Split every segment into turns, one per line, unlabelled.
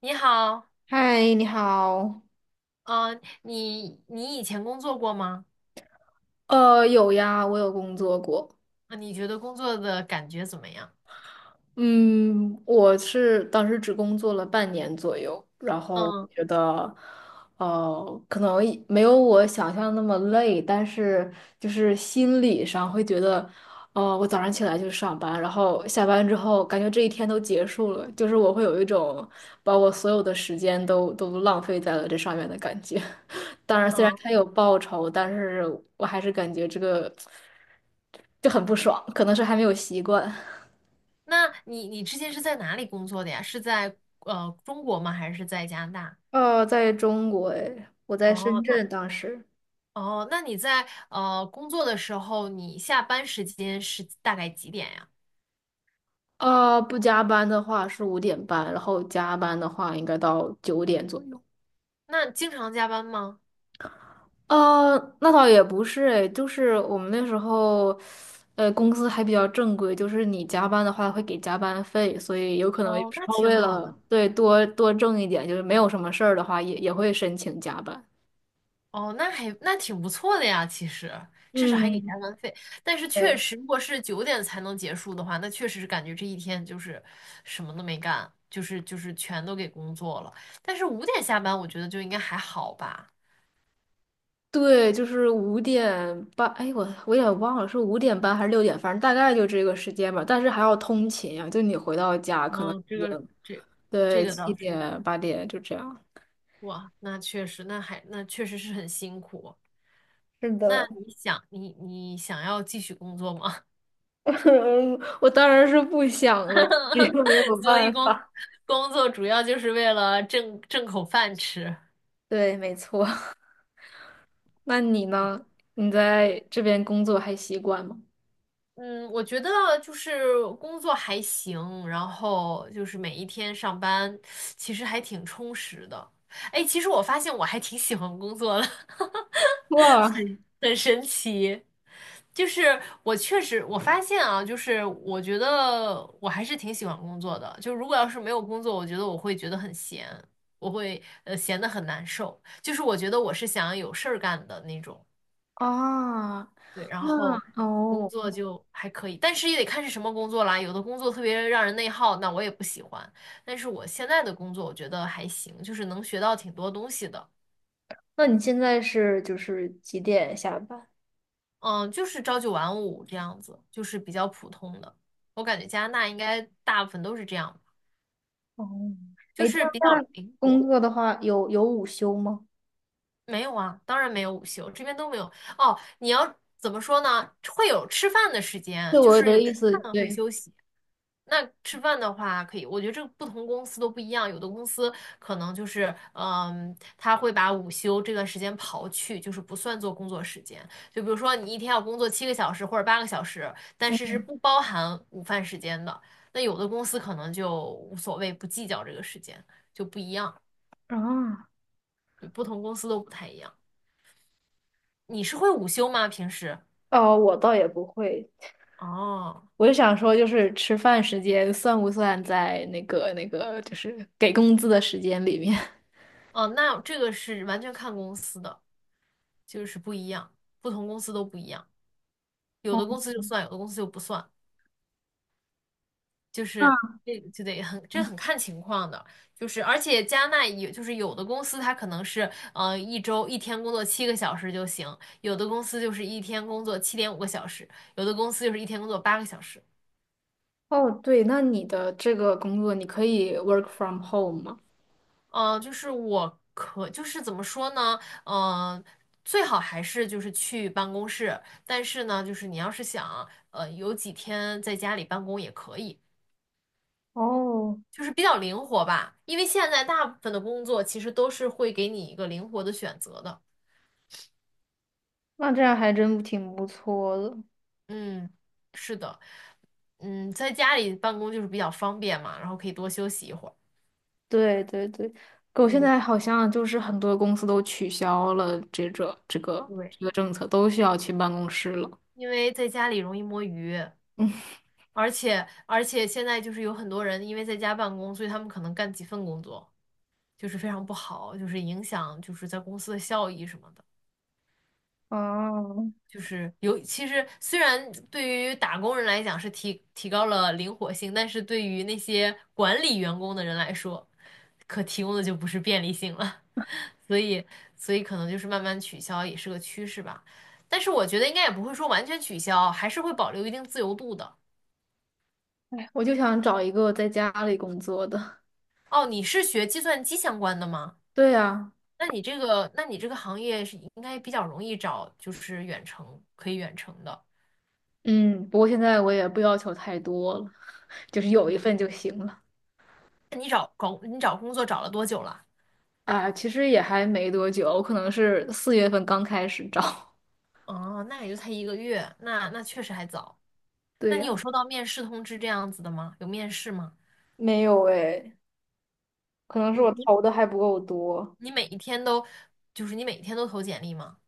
你好，
嗨，你好。
你以前工作过吗？
有呀，我有工作过。
啊，你觉得工作的感觉怎么样？
嗯，我是当时只工作了半年左右，然后我
嗯
觉得，可能一没有我想象那么累，但是就是心理上会觉得，我早上起来就上班，然后下班之后感觉这一天都结束了，就是我会有一种把我所有的时间都浪费在了这上面的感觉。当然，虽然他
嗯，
有报酬，但是我还是感觉这个就很不爽，可能是还没有习惯。
那你之前是在哪里工作的呀？是在中国吗？还是在加拿大？
在中国诶，我在深
哦，那
圳当时。
哦，那你在工作的时候，你下班时间是大概几点呀？
啊、不加班的话是五点半，然后加班的话应该到9点左右。
那经常加班吗？
呃，那倒也不是诶，就是我们那时候，公司还比较正规，就是你加班的话会给加班费，所以有可能有
哦，
时
那
候
挺
为
好的。
了对多多挣一点，就是没有什么事儿的话，也会申请加班。
哦，那挺不错的呀，其实至少还给加
嗯，
班费。但是确
对
实，如果是9点才能结束的话，那确实是感觉这一天就是什么都没干，就是全都给工作了。但是5点下班，我觉得就应该还好吧。
对，就是五点半，哎，我也忘了是五点半还是6点，反正大概就这个时间吧。但是还要通勤啊，就你回到家可能
嗯，这
已
个
经
这这
对
个
七
倒是，
点8点就这样。
哇，那确实，那确实是很辛苦。
是
那
的，
你想要继续工作吗？
我当然是不想了，但是又没有
所以
办
工
法。
工作主要就是为了挣口饭吃。
对，没错。那你呢？你在这边工作还习惯吗？
嗯，我觉得就是工作还行，然后就是每一天上班，其实还挺充实的。哎，其实我发现我还挺喜欢工作的，
哇
很神奇。就是我确实，我发现啊，就是我觉得我还是挺喜欢工作的。就如果要是没有工作，我觉得我会觉得很闲，我会闲得很难受。就是我觉得我是想要有事儿干的那种。
啊，
对，然
那
后工
哦，
作就还可以，但是也得看是什么工作啦。有的工作特别让人内耗，那我也不喜欢。但是我现在的工作我觉得还行，就是能学到挺多东西的。
那你现在是就是几点下班？
嗯，就是朝九晚五这样子，就是比较普通的。我感觉加拿大应该大部分都是这样吧，
哦，
就
哎，这
是比较
样在
灵
工
活。
作的话，有午休吗？
没有啊，当然没有午休，这边都没有。哦，你要怎么说呢？会有吃饭的时
对
间，就
我
是
的
有
意
吃
思，
饭会
对。
休息，那吃饭的话，可以，我觉得这个不同公司都不一样，有的公司可能就是，嗯，他会把午休这段时间刨去，就是不算做工作时间。就比如说你一天要工作七个小时或者八个小时，但是是
嗯
不包含午饭时间的。那有的公司可能就无所谓，不计较这个时间，就不一样，
啊，
对不同公司都不太一样。你是会午休吗？平时？
哦，我倒也不会，
哦，
我就想说，就是吃饭时间算不算在那个，就是给工资的时间里面？
哦，那这个是完全看公司的，就是不一样，不同公司都不一样。有
哦，
的公司就算，有的公司就不算，就
那
是这很看情况的，就是而且加纳有就是有的公司它可能是一周一天工作七个小时就行，有的公司就是一天工作7.5个小时，有的公司就是一天工作八个小时。
哦，对，那你的这个工作，你可以 work from home 吗？
就是就是怎么说呢？嗯、最好还是就是去办公室，但是呢，就是你要是想有几天在家里办公也可以，
哦，
就是比较灵活吧，因为现在大部分的工作其实都是会给你一个灵活的选择的。
那这样还真挺不错的。
嗯，是的，嗯，在家里办公就是比较方便嘛，然后可以多休息一会儿。
对对对，狗现
嗯，
在好像就是很多公司都取消了这个这个
对，
这个政策，都需要去办公室了。
因为在家里容易摸鱼，而且现在就是有很多人因为在家办公，所以他们可能干几份工作，就是非常不好，就是影响就是在公司的效益什么的。
哦，
就是有，其实虽然对于打工人来讲是提高了灵活性，但是对于那些管理员工的人来说，可提供的就不是便利性了。所以，所以可能就是慢慢取消也是个趋势吧。但是我觉得应该也不会说完全取消，还是会保留一定自由度的。
哎，我就想找一个在家里工作的。
哦，你是学计算机相关的吗？
对呀，
那你这个行业是应该比较容易找，就是远程可以远程的。
嗯，不过现在我也不要求太多了，就是有一
嗯，
份就行了。
找找工作找了多久了？
啊，其实也还没多久，我可能是4月份刚开始找。
哦，那也就才一个月，那确实还早。那
对
你
呀，
有收到面试通知这样子的吗？有面试吗？
没有哎，可能是
你
我
你
投的还不够多。
你每一天都，就是你每一天都投简历吗？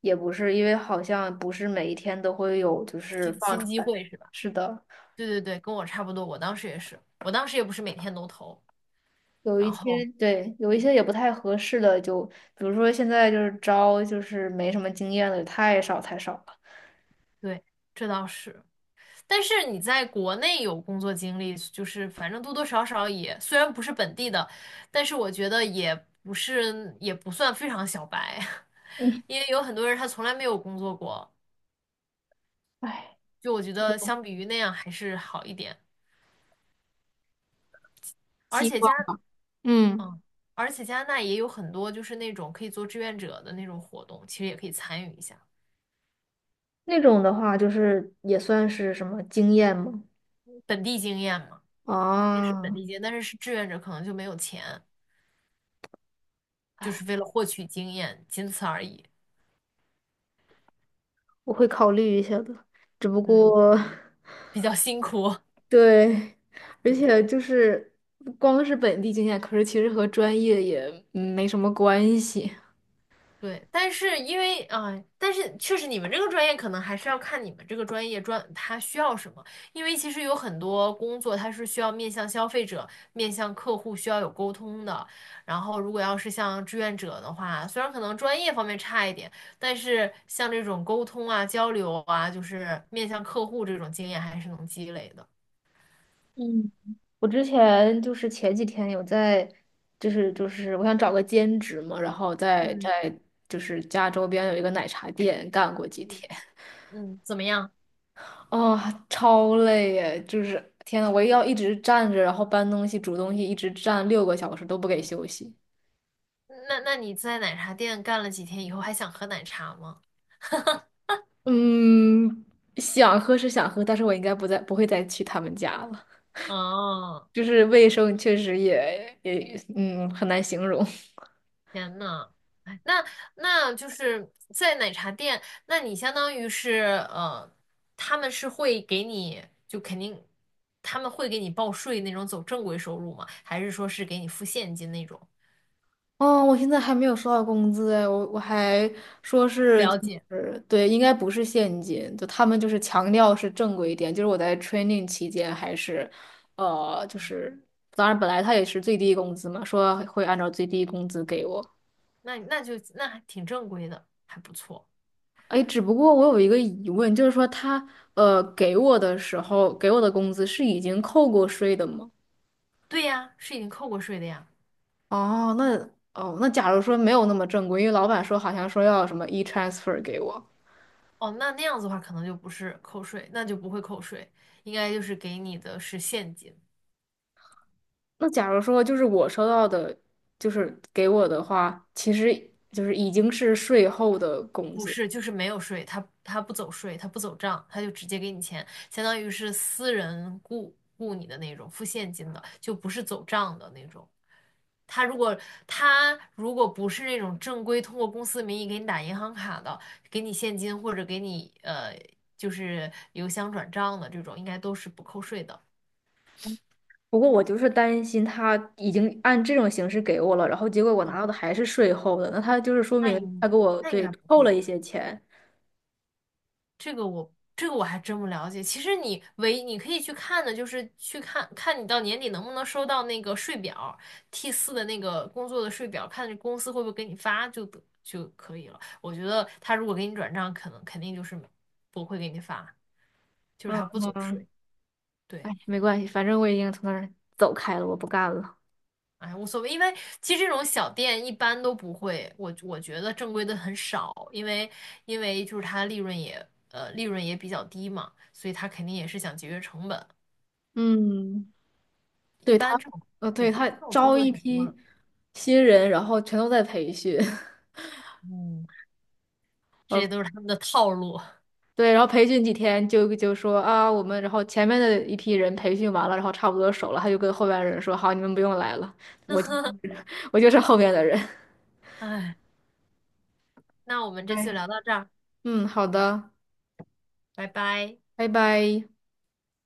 也不是，因为好像不是每一天都会有，就是
新
放
新
出
机
来。
会是吧？
是的，
对对对，跟我差不多，我当时也是，我当时也不是每天都投，
有一
然
些
后
对，有一些也不太合适的，就比如说现在就是招，就是没什么经验的，太少太少了。
对，这倒是。但是你在国内有工作经历，就是反正多多少少也，虽然不是本地的，但是我觉得也不是，也不算非常小白，
嗯，
因为有很多人他从来没有工作过。
唉，
就我觉
有
得相比于那样还是好一点，而
希
且
望，
加
嗯，
嗯，而且加拿大也有很多就是那种可以做志愿者的那种活动，其实也可以参与一下，
那种的话，就是也算是什么经验吗？
本地经验嘛，肯定是本
啊，
地经验，但是是志愿者可能就没有钱，
唉，
就是为了获取经验，仅此而已，
我会考虑一下的，只不
嗯，
过
比较辛苦，
对，而
对。
且就是不光是本地经验，可是其实和专业也没什么关系。
对，但是因为但是确实你们这个专业可能还是要看你们这个专业它需要什么，因为其实有很多工作它是需要面向消费者、面向客户需要有沟通的。然后如果要是像志愿者的话，虽然可能专业方面差一点，但是像这种沟通啊、交流啊，就是面向客户这种经验还是能积累的。
嗯，我之前就是前几天有在，就是我想找个兼职嘛，然后在
嗯
在就是家周边有一个奶茶店干过几
嗯，
天，
嗯，怎么样？
哦，超累耶！就是天呐，我要一直站着，然后搬东西、煮东西，一直站6个小时都不给休息。
那你在奶茶店干了几天以后，还想喝奶茶吗？
嗯，想喝是想喝，但是我应该不会再去他们家了。
哦。
就是卫生确实也很难形容。
天呐，哎那那就是在奶茶店，那你相当于是他们是会给你就肯定他们会给你报税那种走正规收入吗？还是说是给你付现金那种？
哦，我现在还没有收到工资哎，我还说
不
是就
了解，
是对，应该不是现金，就他们就是强调是正规一点。就是我在 training 期间还是，就是当然本来他也是最低工资嘛，说会按照最低工资给我。
那还挺正规的，还不错。
哎，只不过我有一个疑问，就是说他给我的时候给我的工资是已经扣过税的吗？
对呀，是已经扣过税的呀。
哦，那哦，那假如说没有那么正规，因为老板说好像说要什么 e-transfer 给我，
哦，那那样子的话，可能就不是扣税，那就不会扣税，应该就是给你的是现金。
那假如说就是我收到的，就是给我的话，其实就是已经是税后的工
不
资。
是，就是没有税，他不走税，他不走账，他就直接给你钱，相当于是私人雇你的那种，付现金的，就不是走账的那种。他如果他如果不是那种正规通过公司名义给你打银行卡的，给你现金或者给你就是邮箱转账的这种，应该都是不扣税的。
不过我就是担心他已经按这种形式给我了，然后结果我
嗯，
拿到的还是税后的，那他就是说
那
明
应
他给我
那应
对
该不
扣
会
了
吧？
一些钱。
这个我还真不了解。其实你可以去看的，就是去看看你到年底能不能收到那个税表，T4的那个工作的税表，看公司会不会给你发就可以了。我觉得他如果给你转账，可能肯定就是没不会给你发，就是
嗯
他不走
嗯，
税。
哎，
对，
没关系，反正我已经从那儿走开了，我不干了。
哎，无所谓，因为其实这种小店一般都不会，我觉得正规的很少，因为就是他利润也利润也比较低嘛，所以他肯定也是想节约成本。
嗯。
一
对他，
般这种，
呃，对
对，
他
这种操
招
作
一
挺多
批
的。
新人，然后全都在培训，
嗯，这
呃，
些都是他们的套路。
对，然后培训几天就说啊，我们然后前面的一批人培训完了，然后差不多熟了，他就跟后边的人说，好，你们不用来了，我就是后面的人。
哎，那我们这次
对，
聊到这儿，
嗯，好的，
拜拜。
拜拜。